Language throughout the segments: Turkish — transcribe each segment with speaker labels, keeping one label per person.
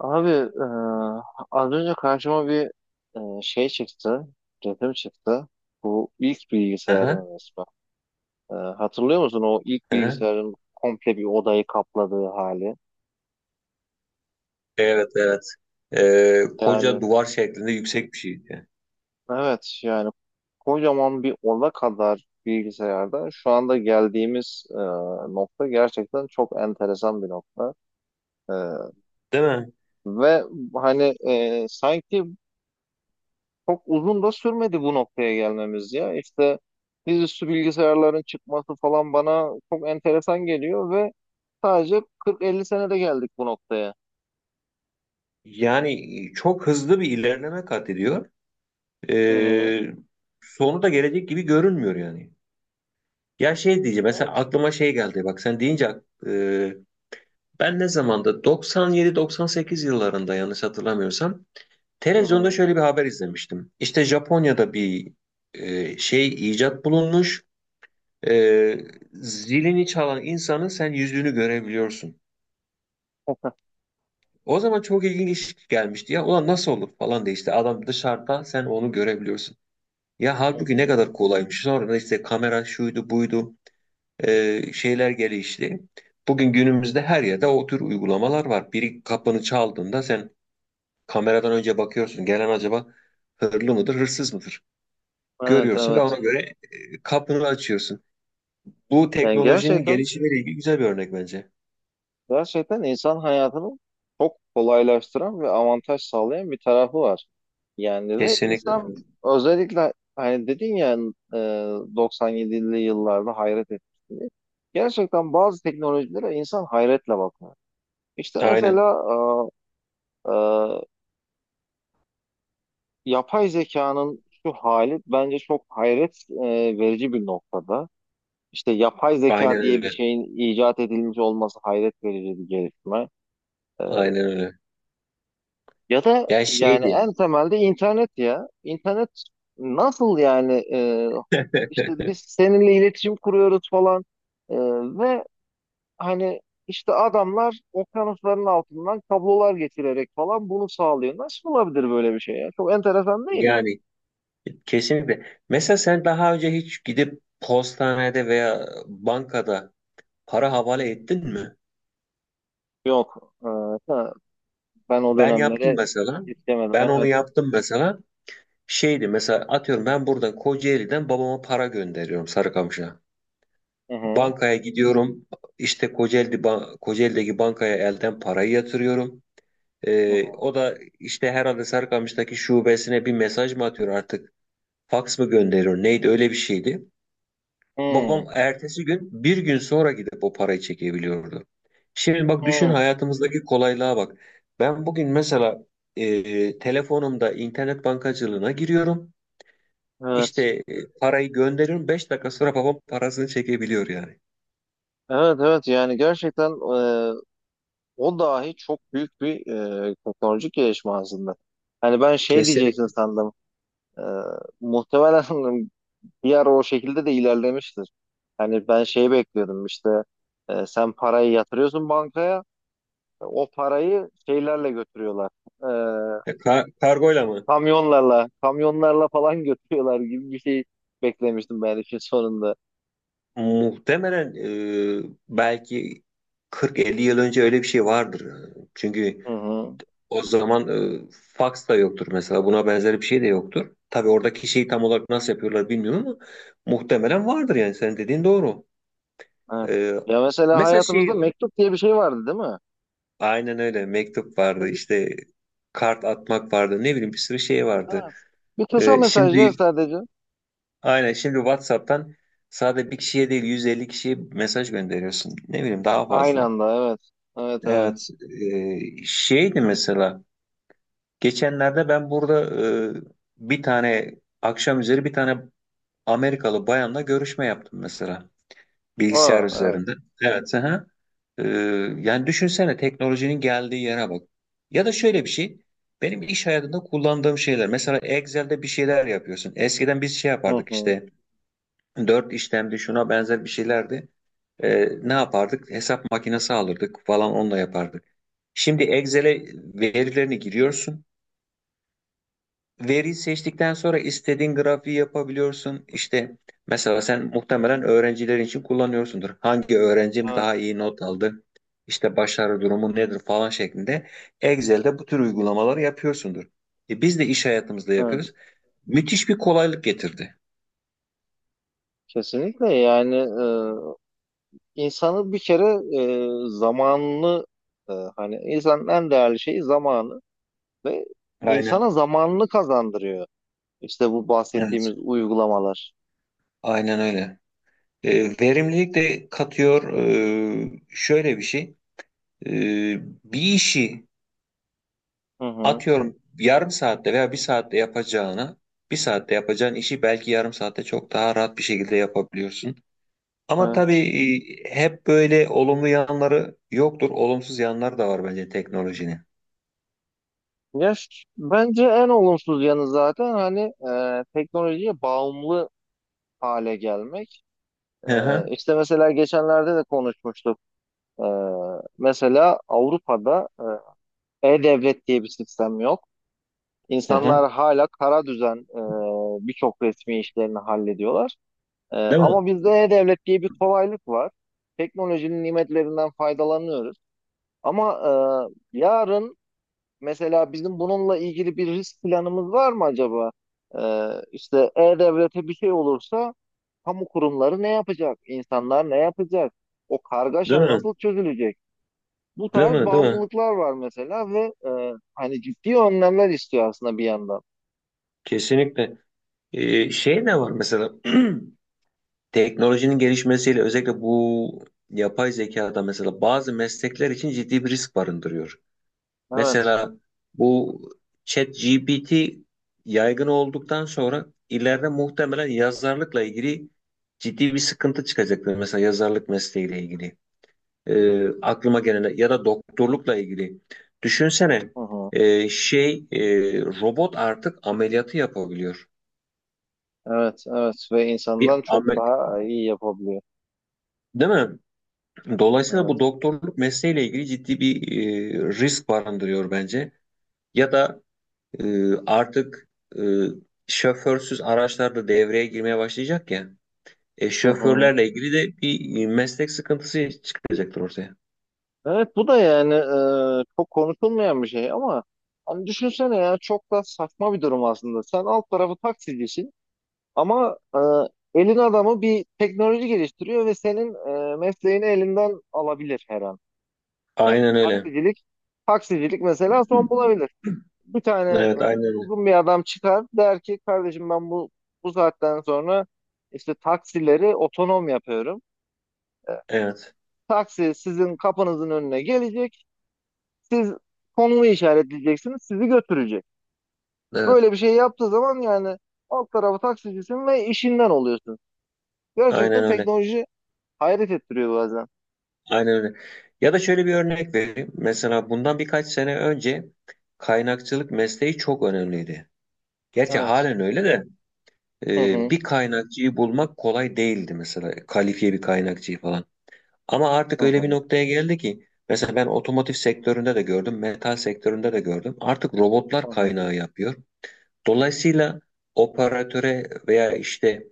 Speaker 1: Abi e, Az önce karşıma bir şey çıktı, resim çıktı. Bu ilk
Speaker 2: Aha,
Speaker 1: bilgisayarın resmi. Hatırlıyor musun o ilk
Speaker 2: aha.
Speaker 1: bilgisayarın komple bir odayı kapladığı hali?
Speaker 2: Evet evet.
Speaker 1: Yani
Speaker 2: Koca duvar şeklinde yüksek bir şeydi.
Speaker 1: evet yani kocaman bir oda kadar bilgisayarda şu anda geldiğimiz nokta gerçekten çok enteresan bir nokta. E,
Speaker 2: Değil mi?
Speaker 1: ve hani sanki çok uzun da sürmedi bu noktaya gelmemiz ya. İşte dizüstü bilgisayarların çıkması falan bana çok enteresan geliyor ve sadece 40-50 senede geldik bu noktaya.
Speaker 2: Yani çok hızlı bir ilerleme kat ediyor.
Speaker 1: Hı hı.
Speaker 2: Ee, Sonu da gelecek gibi görünmüyor yani. Ya şey diyeceğim, mesela
Speaker 1: Evet.
Speaker 2: aklıma şey geldi, bak sen deyince e, ben ne zamanda 97-98 yıllarında yanlış hatırlamıyorsam
Speaker 1: Hı
Speaker 2: televizyonda
Speaker 1: hı.
Speaker 2: şöyle bir haber izlemiştim. İşte Japonya'da bir şey icat bulunmuş. E, Zilini çalan insanın sen yüzünü görebiliyorsun. O zaman çok ilginç gelmişti ya. Ulan nasıl olur falan diye, işte adam dışarıda sen onu görebiliyorsun. Ya
Speaker 1: Hı
Speaker 2: halbuki ne
Speaker 1: hı.
Speaker 2: kadar kolaymış. Sonra da işte kamera şuydu buydu şeyler gelişti. Bugün günümüzde her yerde o tür uygulamalar var. Biri kapını çaldığında sen kameradan önce bakıyorsun. Gelen acaba hırlı mıdır, hırsız mıdır?
Speaker 1: Evet,
Speaker 2: Görüyorsun ve
Speaker 1: evet.
Speaker 2: ona göre kapını açıyorsun. Bu
Speaker 1: Yani
Speaker 2: teknolojinin
Speaker 1: gerçekten
Speaker 2: gelişimiyle ilgili güzel bir örnek bence.
Speaker 1: Gerçekten insan hayatını çok kolaylaştıran ve avantaj sağlayan bir tarafı var. Yani ve
Speaker 2: Kesinlikle.
Speaker 1: insan özellikle hani dedin ya, e, 97'li yıllarda hayret etmişti diye. Gerçekten bazı teknolojilere insan hayretle bakıyor. İşte
Speaker 2: Aynen.
Speaker 1: mesela e, e, yapay zekanın şu hali bence çok hayret verici bir noktada. İşte yapay
Speaker 2: Aynen
Speaker 1: zeka diye bir
Speaker 2: öyle.
Speaker 1: şeyin icat edilmiş olması hayret verici bir gelişme. E,
Speaker 2: Aynen öyle.
Speaker 1: Ya da
Speaker 2: Ya
Speaker 1: yani
Speaker 2: şeydi.
Speaker 1: en temelde internet ya. İnternet nasıl yani, işte biz seninle iletişim kuruyoruz falan. E, ve hani işte adamlar okyanusların altından kablolar geçirerek falan bunu sağlıyor. Nasıl olabilir böyle bir şey ya? Çok enteresan değil mi?
Speaker 2: Yani kesinlikle. Mesela sen daha önce hiç gidip postanede veya bankada para
Speaker 1: Hı hı.
Speaker 2: havale ettin mi?
Speaker 1: Yok. Ha, Ben o
Speaker 2: Ben yaptım
Speaker 1: dönemlere
Speaker 2: mesela.
Speaker 1: istemedim.
Speaker 2: Ben onu
Speaker 1: Evet.
Speaker 2: yaptım mesela. Şeydi mesela, atıyorum, ben buradan Kocaeli'den babama para gönderiyorum Sarıkamış'a.
Speaker 1: Hı hı.
Speaker 2: Bankaya gidiyorum. İşte Kocaeli, Kocaeli'deki bankaya elden parayı yatırıyorum.
Speaker 1: Hı hı.
Speaker 2: O da işte herhalde Sarıkamış'taki şubesine bir mesaj mı atıyor artık? Faks mı gönderiyor? Neydi, öyle bir şeydi. Babam ertesi gün, bir gün sonra gidip o parayı çekebiliyordu. Şimdi bak,
Speaker 1: Hı,
Speaker 2: düşün
Speaker 1: hı.
Speaker 2: hayatımızdaki kolaylığa bak. Ben bugün mesela telefonumda internet bankacılığına giriyorum.
Speaker 1: Evet.
Speaker 2: İşte parayı gönderiyorum, 5 dakika sonra babam parasını çekebiliyor yani.
Speaker 1: Evet, evet yani gerçekten, e, o dahi çok büyük bir teknolojik gelişme aslında. Hani ben şey diyeceksin
Speaker 2: Kesinlikle.
Speaker 1: sandım. E, Muhtemelen bir ara o şekilde de ilerlemiştir. Hani ben şeyi bekliyordum, işte sen parayı yatırıyorsun bankaya, o parayı şeylerle götürüyorlar. E,
Speaker 2: Kargoyla mı?
Speaker 1: Kamyonlarla, kamyonlarla falan götürüyorlar gibi bir şey beklemiştim ben işin sonunda.
Speaker 2: Muhtemelen belki 40-50 yıl önce öyle bir şey vardır. Çünkü
Speaker 1: Hı hı.
Speaker 2: o zaman fax da yoktur mesela. Buna benzer bir şey de yoktur. Tabii oradaki şeyi tam olarak nasıl yapıyorlar bilmiyorum ama muhtemelen vardır yani. Senin dediğin doğru.
Speaker 1: Evet.
Speaker 2: E,
Speaker 1: Ya mesela
Speaker 2: Mesela
Speaker 1: hayatımızda
Speaker 2: şey,
Speaker 1: mektup diye bir şey vardı değil mi?
Speaker 2: aynen öyle, mektup vardı, işte kart atmak vardı, ne bileyim, bir sürü şey vardı.
Speaker 1: Evet. Bir kısa mesaj ya
Speaker 2: Şimdi,
Speaker 1: sadece.
Speaker 2: aynen, şimdi WhatsApp'tan sadece bir kişiye değil 150 kişiye mesaj gönderiyorsun. Ne bileyim, daha
Speaker 1: Aynı
Speaker 2: fazla.
Speaker 1: anda, evet. Evet, evet.
Speaker 2: Evet, şeydi mesela, geçenlerde ben burada e, bir tane akşam üzeri bir tane Amerikalı bayanla görüşme yaptım mesela, bilgisayar
Speaker 1: Aa, evet.
Speaker 2: üzerinde. Evet. Aha. Ee, Yani düşünsene teknolojinin geldiği yere bak. Ya da şöyle bir şey. Benim iş hayatında kullandığım şeyler. Mesela Excel'de bir şeyler yapıyorsun. Eskiden biz şey
Speaker 1: Hı
Speaker 2: yapardık
Speaker 1: hı.
Speaker 2: işte. Dört işlemdi, şuna benzer bir şeylerdi. Ne yapardık?
Speaker 1: Hı.
Speaker 2: Hesap makinesi alırdık falan, onunla yapardık. Şimdi Excel'e verilerini giriyorsun. Veriyi seçtikten sonra istediğin grafiği yapabiliyorsun. İşte mesela sen muhtemelen öğrencilerin için kullanıyorsundur. Hangi öğrencim
Speaker 1: Evet.
Speaker 2: daha iyi not aldı? İşte başarı durumu nedir falan şeklinde. Excel'de bu tür uygulamaları yapıyorsundur. E biz de iş hayatımızda
Speaker 1: Evet.
Speaker 2: yapıyoruz. Müthiş bir kolaylık getirdi.
Speaker 1: Kesinlikle yani, insanı bir kere zamanını, hani insanın en değerli şeyi zamanı ve insana
Speaker 2: Aynen.
Speaker 1: zamanını kazandırıyor. İşte bu
Speaker 2: Evet.
Speaker 1: bahsettiğimiz uygulamalar.
Speaker 2: Aynen öyle. Verimlilik de katıyor. Şöyle bir şey. E, Bir işi,
Speaker 1: Hı hı.
Speaker 2: atıyorum, yarım saatte veya bir saatte yapacağına, bir saatte yapacağın işi belki yarım saatte çok daha rahat bir şekilde yapabiliyorsun. Ama tabii
Speaker 1: Evet.
Speaker 2: hep böyle olumlu yanları yoktur. Olumsuz yanları da var bence teknolojinin.
Speaker 1: Bence en olumsuz yanı zaten hani teknolojiye bağımlı hale gelmek. E,
Speaker 2: Hı hı,
Speaker 1: işte mesela geçenlerde de konuşmuştuk. Ee, Mesela Avrupa'da e-devlet diye bir sistem yok.
Speaker 2: hı hı.
Speaker 1: İnsanlar hala kara düzen, birçok resmi işlerini hallediyorlar.
Speaker 2: Değil mi?
Speaker 1: Ama bizde e-devlet diye bir kolaylık var. Teknolojinin nimetlerinden faydalanıyoruz. Ama yarın mesela bizim bununla ilgili bir risk planımız var mı acaba? İşte e-devlete bir şey olursa kamu kurumları ne yapacak? İnsanlar ne yapacak? O
Speaker 2: Değil
Speaker 1: kargaşa
Speaker 2: mi?
Speaker 1: nasıl çözülecek? Bu
Speaker 2: Değil
Speaker 1: tarz
Speaker 2: mi? Değil mi?
Speaker 1: bağımlılıklar var mesela ve hani ciddi önlemler istiyor aslında bir yandan.
Speaker 2: Kesinlikle. Şey ne var mesela, teknolojinin gelişmesiyle özellikle bu yapay zekada mesela bazı meslekler için ciddi bir risk barındırıyor.
Speaker 1: Evet.
Speaker 2: Mesela bu ChatGPT yaygın olduktan sonra ileride muhtemelen yazarlıkla ilgili ciddi bir sıkıntı çıkacaktır. Mesela yazarlık mesleğiyle ilgili. Aklıma gelen ya da doktorlukla ilgili. Düşünsene
Speaker 1: Hı hı.
Speaker 2: şey robot artık ameliyatı yapabiliyor.
Speaker 1: Evet, evet ve
Speaker 2: Bir
Speaker 1: insandan çok
Speaker 2: amel
Speaker 1: daha iyi yapabiliyor.
Speaker 2: Değil mi? Dolayısıyla
Speaker 1: Evet.
Speaker 2: bu doktorluk mesleğiyle ilgili ciddi bir risk barındırıyor bence. Ya da artık e, şoförsüz araçlar da devreye girmeye başlayacak ya.
Speaker 1: Hı hı.
Speaker 2: Şoförlerle ilgili de bir meslek sıkıntısı çıkacaktır ortaya.
Speaker 1: Evet, bu da yani çok konuşulmayan bir şey ama hani düşünsene ya, çok da saçma bir durum aslında. Sen alt tarafı taksicisin ama elin adamı bir teknoloji geliştiriyor ve senin mesleğini elinden alabilir her an. Yani
Speaker 2: Aynen öyle.
Speaker 1: taksicilik mesela son bulabilir. Bir tane
Speaker 2: Evet, aynen öyle.
Speaker 1: uygun bir adam çıkar, der ki kardeşim ben bu saatten sonra işte taksileri otonom yapıyorum. E,
Speaker 2: Evet,
Speaker 1: Taksi sizin kapınızın önüne gelecek. Siz konumu işaretleyeceksiniz. Sizi götürecek.
Speaker 2: evet.
Speaker 1: Böyle bir şey yaptığı zaman yani alt tarafı taksicisin ve işinden oluyorsun.
Speaker 2: Aynen
Speaker 1: Gerçekten
Speaker 2: öyle.
Speaker 1: teknoloji hayret ettiriyor bazen.
Speaker 2: Aynen öyle. Ya da şöyle bir örnek vereyim. Mesela bundan birkaç sene önce kaynakçılık mesleği çok önemliydi. Gerçi
Speaker 1: Evet.
Speaker 2: halen öyle de
Speaker 1: Hı hı.
Speaker 2: bir kaynakçıyı bulmak kolay değildi mesela. Kalifiye bir kaynakçıyı falan. Ama
Speaker 1: Hı
Speaker 2: artık öyle bir
Speaker 1: hı.
Speaker 2: noktaya geldi ki, mesela ben otomotiv sektöründe de gördüm, metal sektöründe de gördüm. Artık robotlar
Speaker 1: Hı hı.
Speaker 2: kaynağı yapıyor. Dolayısıyla operatöre veya işte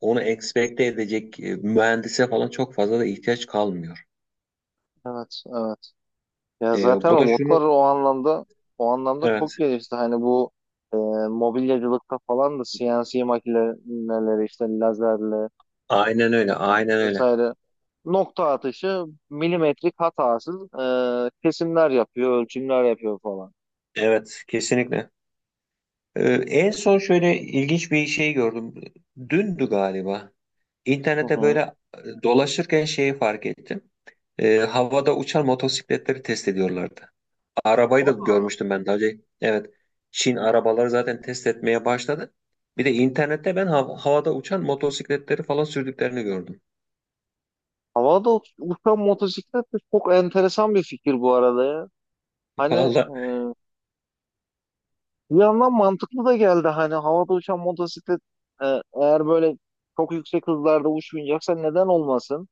Speaker 2: onu ekspekte edecek mühendise falan çok fazla da ihtiyaç kalmıyor.
Speaker 1: Evet. Evet. Ya zaten
Speaker 2: Bu da şunu,
Speaker 1: robotlar o anlamda çok
Speaker 2: evet,
Speaker 1: gelişti. Hani bu e, mobilyacılıkta falan da CNC makineleri işte lazerle
Speaker 2: aynen öyle, aynen öyle.
Speaker 1: vesaire nokta atışı milimetrik hatasız kesimler yapıyor, ölçümler yapıyor falan.
Speaker 2: Evet kesinlikle. En son şöyle ilginç bir şey gördüm. Dündü galiba.
Speaker 1: Hı
Speaker 2: İnternete
Speaker 1: hı.
Speaker 2: böyle dolaşırken şeyi fark ettim. Havada uçan motosikletleri test ediyorlardı. Arabayı da görmüştüm ben daha önce. Evet. Çin arabaları zaten test etmeye başladı. Bir de internette ben havada uçan motosikletleri falan sürdüklerini gördüm.
Speaker 1: Uçan motosiklet de çok enteresan bir fikir bu arada ya. Hani
Speaker 2: Valla.
Speaker 1: bir yandan mantıklı da geldi. Hani havada uçan motosiklet, e, eğer böyle çok yüksek hızlarda uçmayacaksa neden olmasın?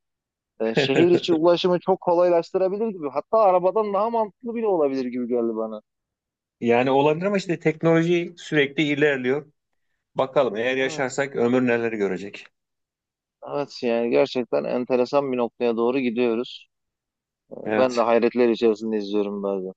Speaker 1: Şehir içi ulaşımı çok kolaylaştırabilir gibi. Hatta arabadan daha mantıklı bile olabilir gibi geldi bana.
Speaker 2: Yani olabilir ama işte teknoloji sürekli ilerliyor. Bakalım eğer
Speaker 1: Evet.
Speaker 2: yaşarsak ömür neleri görecek.
Speaker 1: Evet yani gerçekten enteresan bir noktaya doğru gidiyoruz. Ben de
Speaker 2: Evet.
Speaker 1: hayretler içerisinde izliyorum bazen.